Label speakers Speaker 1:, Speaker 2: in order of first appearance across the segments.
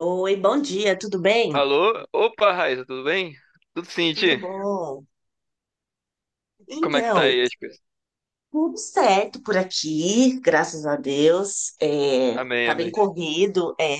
Speaker 1: Oi, bom dia, tudo bem?
Speaker 2: Alô? Opa, Raíssa, tudo bem? Tudo sim,
Speaker 1: Tudo
Speaker 2: Ti?
Speaker 1: bom?
Speaker 2: Como é que tá
Speaker 1: Então,
Speaker 2: aí as coisas?
Speaker 1: tudo certo por aqui, graças a Deus. É,
Speaker 2: Amém,
Speaker 1: tá bem
Speaker 2: amém.
Speaker 1: corrido, é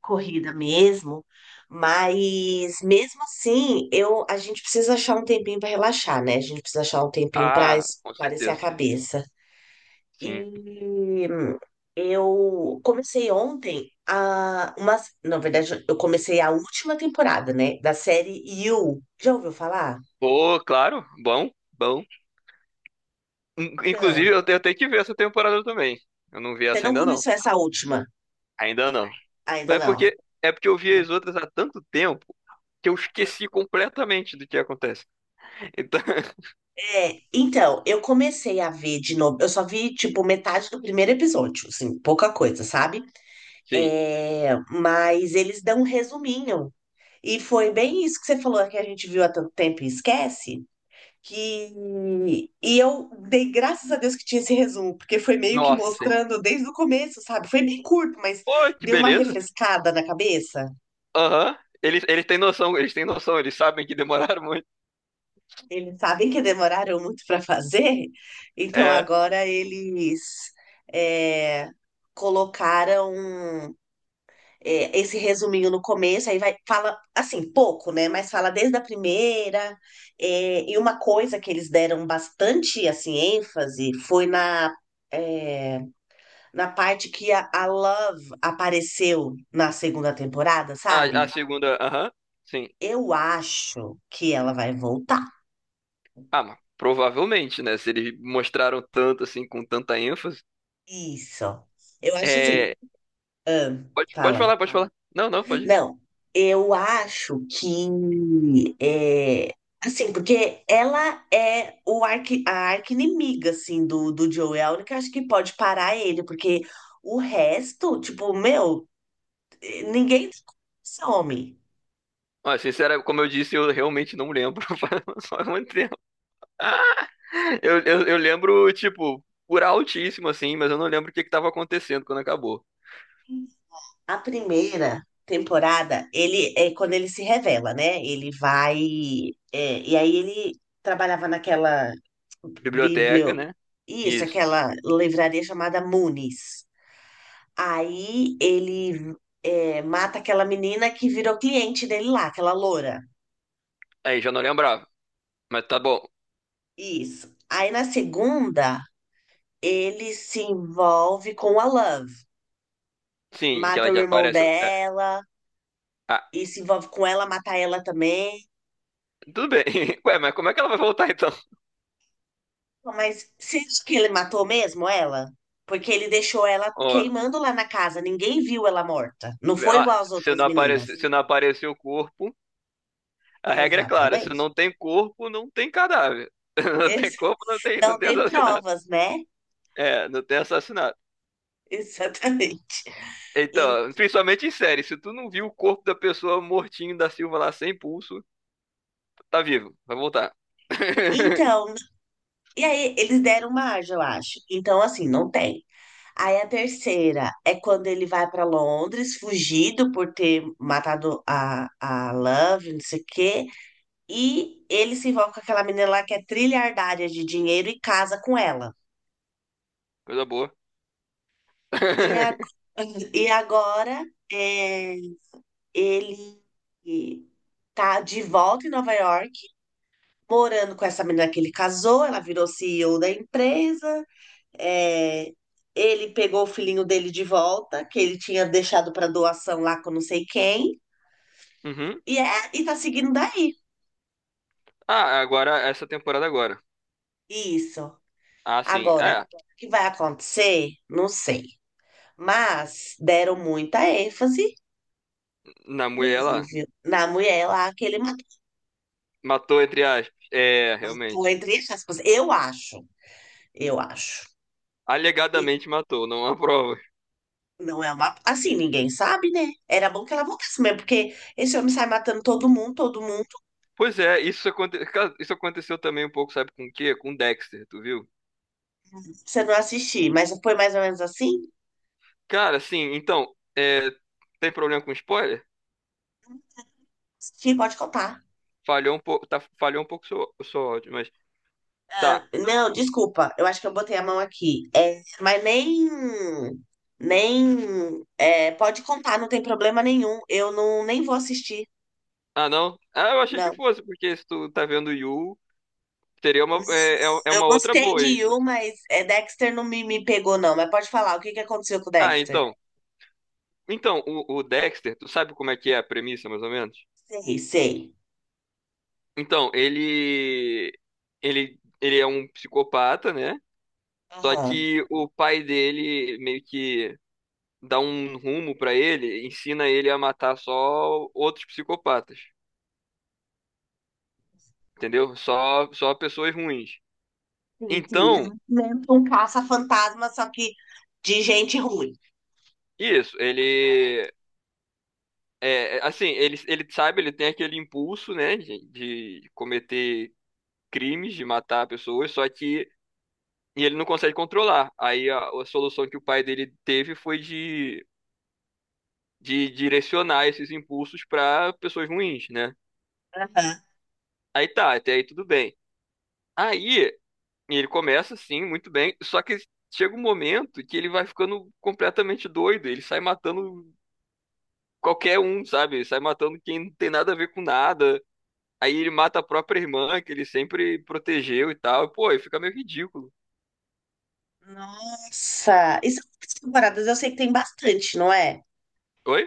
Speaker 1: corrida mesmo, mas mesmo assim, a gente precisa achar um tempinho para relaxar, né? A gente precisa achar um tempinho para
Speaker 2: Ah, com
Speaker 1: espairecer a
Speaker 2: certeza.
Speaker 1: cabeça.
Speaker 2: Sim.
Speaker 1: E eu comecei na verdade, eu comecei a última temporada, né, da série You. Já ouviu falar?
Speaker 2: Pô, claro, bom, bom.
Speaker 1: Então,
Speaker 2: Inclusive, eu tenho que ver essa temporada também. Eu não vi
Speaker 1: você
Speaker 2: essa
Speaker 1: não
Speaker 2: ainda não.
Speaker 1: começou essa última?
Speaker 2: Ainda não. Mas
Speaker 1: Ainda
Speaker 2: é
Speaker 1: não.
Speaker 2: porque é porque eu vi as outras há tanto tempo que eu esqueci completamente do que acontece. Então,
Speaker 1: É, então, eu comecei a ver de novo. Eu só vi, tipo, metade do primeiro episódio, assim, pouca coisa, sabe?
Speaker 2: sim.
Speaker 1: É, mas eles dão um resuminho. E foi bem isso que você falou, que a gente viu há tanto tempo e esquece. Que... E eu dei graças a Deus que tinha esse resumo, porque foi meio que
Speaker 2: Nossa, sim.
Speaker 1: mostrando desde o começo, sabe? Foi bem curto, mas
Speaker 2: Pô, que
Speaker 1: deu uma
Speaker 2: beleza.
Speaker 1: refrescada na cabeça.
Speaker 2: Aham. Eles têm noção, eles têm noção, eles sabem que demoraram muito.
Speaker 1: Eles sabem que demoraram muito para fazer, então
Speaker 2: É,
Speaker 1: agora eles é, colocaram esse resuminho no começo, aí vai, fala assim, pouco, né? Mas fala desde a primeira. É, e uma coisa que eles deram bastante assim, ênfase, foi é, na parte que a Love apareceu na segunda temporada,
Speaker 2: a,
Speaker 1: sabe?
Speaker 2: a segunda, aham. Sim.
Speaker 1: Eu acho que ela vai voltar.
Speaker 2: Ah, mas provavelmente, né? Se eles mostraram tanto assim, com tanta ênfase.
Speaker 1: Isso. Eu acho assim.
Speaker 2: É.
Speaker 1: Ah,
Speaker 2: Pode, pode
Speaker 1: fala.
Speaker 2: falar, pode Ah, falar. Não, não, pode. Ir.
Speaker 1: Não, eu acho que é assim, porque ela é a arqui-inimiga assim do Joel, é a única acho que pode parar ele, porque o resto, tipo, meu, ninguém some.
Speaker 2: Ó, sincera, como eu disse, eu realmente não lembro. Faz só muito tempo. Eu lembro, tipo, por altíssimo, assim, mas eu não lembro o que que tava acontecendo quando acabou.
Speaker 1: A primeira temporada, ele é quando ele se revela, né? Ele vai, é, e aí ele trabalhava naquela
Speaker 2: Biblioteca,
Speaker 1: biblio,
Speaker 2: né?
Speaker 1: isso,
Speaker 2: Isso.
Speaker 1: aquela livraria chamada Moonies. Aí ele, é, mata aquela menina que virou cliente dele lá, aquela loura.
Speaker 2: Aí já não lembrava. Mas tá bom.
Speaker 1: Isso. Aí na segunda, ele se envolve com a Love.
Speaker 2: Sim,
Speaker 1: Mata
Speaker 2: aquela que
Speaker 1: o irmão
Speaker 2: aparece. É.
Speaker 1: dela
Speaker 2: Ah,
Speaker 1: e se envolve com ela, mata ela também.
Speaker 2: tudo bem. Ué, mas como é que ela vai voltar então?
Speaker 1: Mas você acha que ele matou mesmo ela? Porque ele deixou ela
Speaker 2: Ó,
Speaker 1: queimando lá na casa, ninguém viu ela morta. Não foi
Speaker 2: ah,
Speaker 1: igual às
Speaker 2: se
Speaker 1: outras
Speaker 2: não aparece,
Speaker 1: meninas.
Speaker 2: se não aparecer o corpo. A regra é clara, se
Speaker 1: Exatamente.
Speaker 2: não tem corpo, não tem cadáver. Não tem
Speaker 1: Ex-
Speaker 2: corpo, não tem, não
Speaker 1: Não
Speaker 2: tem
Speaker 1: tem
Speaker 2: assassinato.
Speaker 1: provas, né?
Speaker 2: É, não tem assassinato.
Speaker 1: Exatamente.
Speaker 2: Então, principalmente em série, se tu não viu o corpo da pessoa mortinho da Silva lá sem pulso, tá vivo, vai voltar.
Speaker 1: Então, e aí eles deram uma asa, eu acho. Então, assim, não tem. Aí a terceira é quando ele vai para Londres, fugido por ter matado a Love, não sei o quê. E ele se envolve com aquela menina lá que é trilhardária de dinheiro e casa com ela.
Speaker 2: Coisa boa.
Speaker 1: E, a, e agora, é, ele tá de volta em Nova York, morando com essa menina que ele casou, ela virou CEO da empresa. É, ele pegou o filhinho dele de volta, que ele tinha deixado para doação lá com não sei quem,
Speaker 2: Uhum.
Speaker 1: e é, e tá seguindo daí.
Speaker 2: Ah, agora, essa temporada agora.
Speaker 1: Isso.
Speaker 2: Ah, sim.
Speaker 1: Agora,
Speaker 2: É,
Speaker 1: o que vai acontecer? Não sei. Mas deram muita ênfase
Speaker 2: na mulher
Speaker 1: nele,
Speaker 2: ela
Speaker 1: viu? Na mulher lá que ele matou.
Speaker 2: matou, entre aspas. É,
Speaker 1: Matou
Speaker 2: realmente.
Speaker 1: entre aspas. Eu acho. Eu acho. E
Speaker 2: Alegadamente matou, não há prova.
Speaker 1: não é uma. Assim, ninguém sabe, né? Era bom que ela voltasse mesmo, porque esse homem sai matando todo mundo,
Speaker 2: Pois é, isso, cara, isso aconteceu também um pouco, sabe com o quê? Com Dexter, tu viu?
Speaker 1: pra você não assistir. Mas foi mais ou menos assim?
Speaker 2: Cara, sim, então, é, tem problema com spoiler?
Speaker 1: Sim, pode contar.
Speaker 2: Falhou um pouco, tá, falhou um pouco o seu áudio, mas
Speaker 1: Ah,
Speaker 2: tá.
Speaker 1: não, desculpa, eu acho que eu botei a mão aqui. É, mas nem, nem, é, pode contar, não tem problema nenhum. Eu não, nem vou assistir,
Speaker 2: Ah, não? Ah, eu achei que
Speaker 1: não.
Speaker 2: fosse, porque se tu tá vendo Yu, teria uma,
Speaker 1: Eu
Speaker 2: uma outra
Speaker 1: gostei
Speaker 2: boa
Speaker 1: de
Speaker 2: aí.
Speaker 1: You, mas é, Dexter não me pegou, não. Mas pode falar, o que que aconteceu com o
Speaker 2: Ah,
Speaker 1: Dexter?
Speaker 2: então, o Dexter, tu sabe como é que é a premissa, mais ou menos?
Speaker 1: Sei, sei.
Speaker 2: Então, ele é um psicopata, né? Só
Speaker 1: Aham.
Speaker 2: que o pai dele meio que dá um rumo pra ele, ensina ele a matar só outros psicopatas. Entendeu? Só pessoas ruins.
Speaker 1: Sim, sim. Tá
Speaker 2: Então,
Speaker 1: dentro de Um caça-fantasma, só que de gente ruim.
Speaker 2: isso, ele. Assim, ele sabe, ele tem aquele impulso, né, de, cometer crimes, de matar pessoas, só que e ele não consegue controlar. Aí a solução que o pai dele teve foi de direcionar esses impulsos para pessoas ruins, né?
Speaker 1: Aham.
Speaker 2: Aí tá, até aí tudo bem. Aí ele começa, sim, muito bem, só que chega um momento que ele vai ficando completamente doido, ele sai matando qualquer um, sabe? Sai matando quem não tem nada a ver com nada. Aí ele mata a própria irmã, que ele sempre protegeu e tal. Pô, aí fica meio ridículo.
Speaker 1: Nossa, e são quantas temporadas? Eu sei que tem bastante, não é?
Speaker 2: Oi?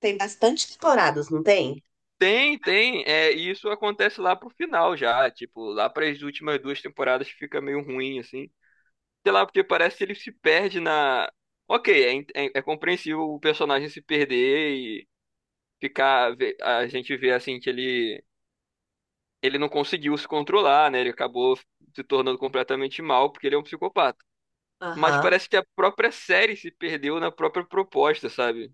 Speaker 1: Tem bastante temporadas, não tem?
Speaker 2: Tem, tem. É, e isso acontece lá pro final já. Tipo, lá para as últimas duas temporadas que fica meio ruim, assim. Sei lá, porque parece que ele se perde na. Ok, é, compreensível o personagem se perder e ficar. A gente vê assim que ele. Ele não conseguiu se controlar, né? Ele acabou se tornando completamente mal porque ele é um psicopata. Mas
Speaker 1: Aham,
Speaker 2: parece que a própria série se perdeu na própria proposta, sabe?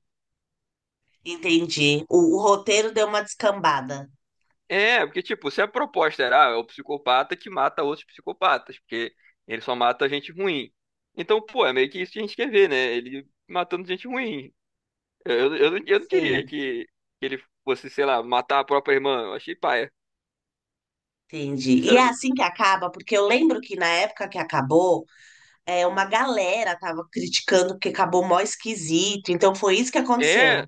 Speaker 1: entendi. O roteiro deu uma descambada.
Speaker 2: É, porque, tipo, se a proposta era, ah, é o psicopata que mata outros psicopatas, porque ele só mata gente ruim. Então, pô, é meio que isso que a gente quer ver, né? Ele matando gente ruim. Eu não queria
Speaker 1: Sim,
Speaker 2: que, ele fosse, sei lá, matar a própria irmã. Eu achei paia,
Speaker 1: entendi. E é
Speaker 2: sinceramente.
Speaker 1: assim que acaba, porque eu lembro que na época que acabou, é, uma galera tava criticando porque acabou mó esquisito. Então foi isso que aconteceu.
Speaker 2: É,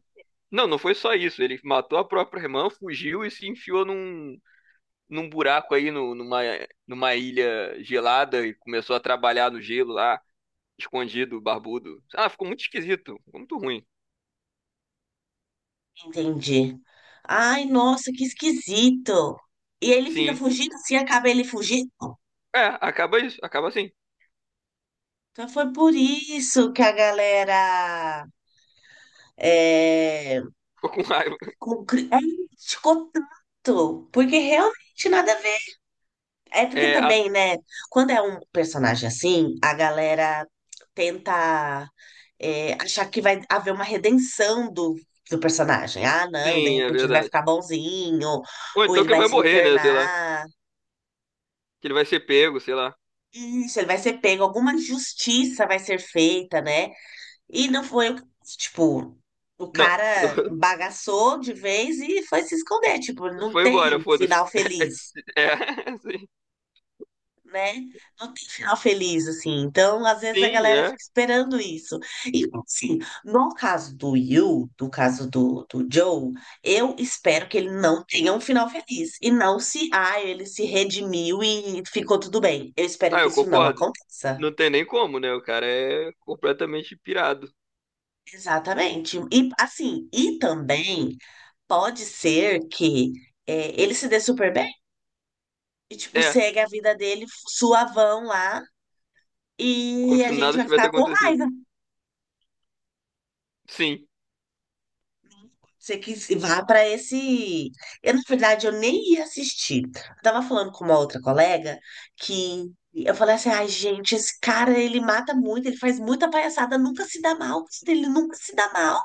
Speaker 2: não foi só isso. Ele matou a própria irmã, fugiu e se enfiou num buraco aí, no, numa, numa ilha gelada e começou a trabalhar no gelo lá. Escondido, barbudo. Ah, ficou muito esquisito, ficou muito ruim.
Speaker 1: Entendi. Ai, nossa, que esquisito. E ele fica
Speaker 2: Sim.
Speaker 1: fugindo, assim acaba ele fugindo.
Speaker 2: É, acaba isso, acaba assim.
Speaker 1: Então foi por isso que a galera, é,
Speaker 2: Ficou com raiva.
Speaker 1: Com cri- É, criticou tanto, porque realmente nada a ver. É porque
Speaker 2: É,
Speaker 1: também, né, quando é um personagem assim, a galera tenta, é, achar que vai haver uma redenção do personagem. Ah, não, de
Speaker 2: sim, é
Speaker 1: repente ele vai
Speaker 2: verdade.
Speaker 1: ficar bonzinho,
Speaker 2: Ou
Speaker 1: ou
Speaker 2: então
Speaker 1: ele
Speaker 2: que ele
Speaker 1: vai
Speaker 2: vai
Speaker 1: se
Speaker 2: morrer, né? Sei lá.
Speaker 1: internar.
Speaker 2: Que ele vai ser pego, sei lá.
Speaker 1: Isso, ele vai ser pego, alguma justiça vai ser feita, né? E não foi, tipo, o
Speaker 2: Não,
Speaker 1: cara bagaçou de vez e foi se esconder, tipo, não
Speaker 2: foi embora,
Speaker 1: tem
Speaker 2: foda-se.
Speaker 1: final feliz.
Speaker 2: é, sim,
Speaker 1: Né? Não tem final feliz, assim. Então, às vezes a
Speaker 2: sim,
Speaker 1: galera
Speaker 2: é.
Speaker 1: fica esperando isso. E, assim, no caso do Yu, no caso do Joe, eu espero que ele não tenha um final feliz. E não se, ah, ele se redimiu e ficou tudo bem. Eu espero
Speaker 2: Ah,
Speaker 1: que
Speaker 2: eu
Speaker 1: isso não
Speaker 2: concordo.
Speaker 1: aconteça.
Speaker 2: Não tem nem como, né? O cara é completamente pirado.
Speaker 1: Exatamente. E, assim, e também pode ser que, é, ele se dê super bem e, tipo,
Speaker 2: É,
Speaker 1: segue a vida dele suavão lá.
Speaker 2: como
Speaker 1: E
Speaker 2: se
Speaker 1: a gente
Speaker 2: nada
Speaker 1: vai
Speaker 2: tivesse
Speaker 1: ficar com
Speaker 2: acontecido.
Speaker 1: raiva.
Speaker 2: Sim.
Speaker 1: Você que se vá para esse. Eu, na verdade, eu nem ia assistir. Eu tava falando com uma outra colega, que eu falei assim: ai, gente, esse cara, ele mata muito, ele faz muita palhaçada, nunca se dá mal, ele nunca se dá mal.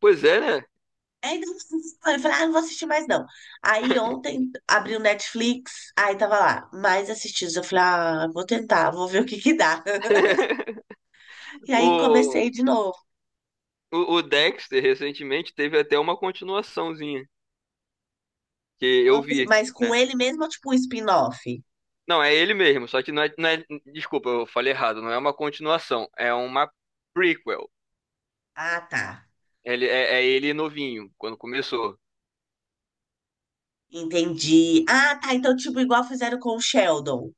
Speaker 2: Pois é, né?
Speaker 1: Aí eu falei: ah, não vou assistir mais não. Aí ontem abri o Netflix, aí tava lá, mais assistidos. Eu falei: ah, vou tentar, vou ver o que que dá. E aí comecei
Speaker 2: O,
Speaker 1: de novo.
Speaker 2: o Dexter recentemente teve até uma continuaçãozinha, que eu
Speaker 1: Ah,
Speaker 2: vi,
Speaker 1: mas com
Speaker 2: né?
Speaker 1: ele mesmo, ou tipo um spin-off?
Speaker 2: Não, é ele mesmo, só que não é, não é- Desculpa, eu falei errado. Não é uma continuação, é uma prequel.
Speaker 1: Ah, tá.
Speaker 2: Ele, ele novinho, quando começou.
Speaker 1: Entendi. Ah, tá. Então, tipo, igual fizeram com o Sheldon.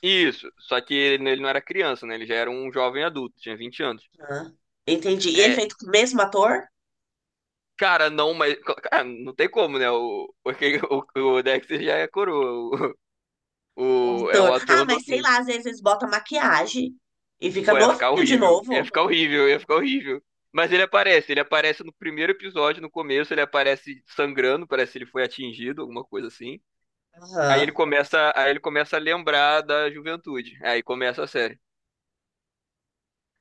Speaker 2: Isso, só que ele não era criança, né? Ele já era um jovem adulto, tinha 20 anos.
Speaker 1: Ah, entendi. E ele é
Speaker 2: É,
Speaker 1: feito com o mesmo ator?
Speaker 2: cara, não, mas. Cara, não tem como, né? O, porque o Dexter já é coroa.
Speaker 1: O
Speaker 2: O, é um
Speaker 1: ator. Ah,
Speaker 2: ator
Speaker 1: mas sei
Speaker 2: novinho.
Speaker 1: lá, às vezes eles botam maquiagem e fica
Speaker 2: Pô, ia ficar
Speaker 1: novinho de
Speaker 2: horrível, ia
Speaker 1: novo.
Speaker 2: ficar horrível, ia ficar horrível. Mas ele aparece no primeiro episódio, no começo, ele aparece sangrando, parece que ele foi atingido, alguma coisa assim. Aí ele
Speaker 1: Aham.
Speaker 2: começa, aí ele começa a lembrar da juventude. Aí começa a série.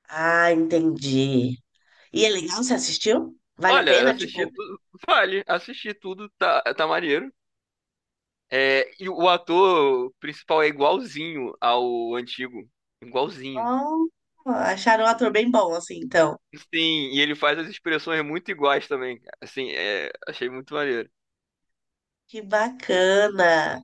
Speaker 1: Ah, entendi. E é legal, você assistiu? Vale a
Speaker 2: Olha, eu
Speaker 1: pena?
Speaker 2: assisti
Speaker 1: Tipo,
Speaker 2: tudo, vale, assisti tudo, tá, maneiro. É, e o ator principal é igualzinho ao antigo, igualzinho.
Speaker 1: oh, acharam um ator bem bom, assim, então.
Speaker 2: Sim, e ele faz as expressões muito iguais também, cara. Assim, é, achei muito maneiro.
Speaker 1: Que bacana.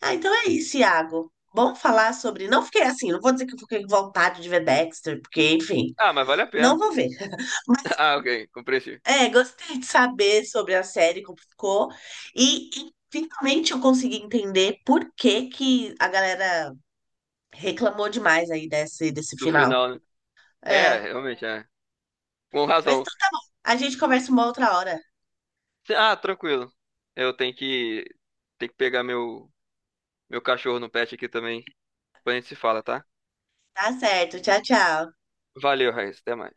Speaker 1: Ah, então é isso, Iago. Vamos falar sobre. Não fiquei assim, não vou dizer que eu fiquei com vontade de ver Dexter, porque, enfim,
Speaker 2: Ah, mas vale a
Speaker 1: não
Speaker 2: pena.
Speaker 1: vou ver.
Speaker 2: Ah, ok, compreendi.
Speaker 1: É, gostei de saber sobre a série, como ficou. E finalmente eu consegui entender por que que a galera reclamou demais aí desse
Speaker 2: Do
Speaker 1: final.
Speaker 2: final, né? É,
Speaker 1: É.
Speaker 2: realmente, é. Com
Speaker 1: Mas
Speaker 2: razão.
Speaker 1: então tá bom. A gente conversa uma outra hora.
Speaker 2: Ah, tranquilo. Eu tenho que, pegar meu cachorro no pet aqui também. Depois a gente se fala, tá?
Speaker 1: Tá certo. Tchau, tchau.
Speaker 2: Valeu, Raíssa. Até mais.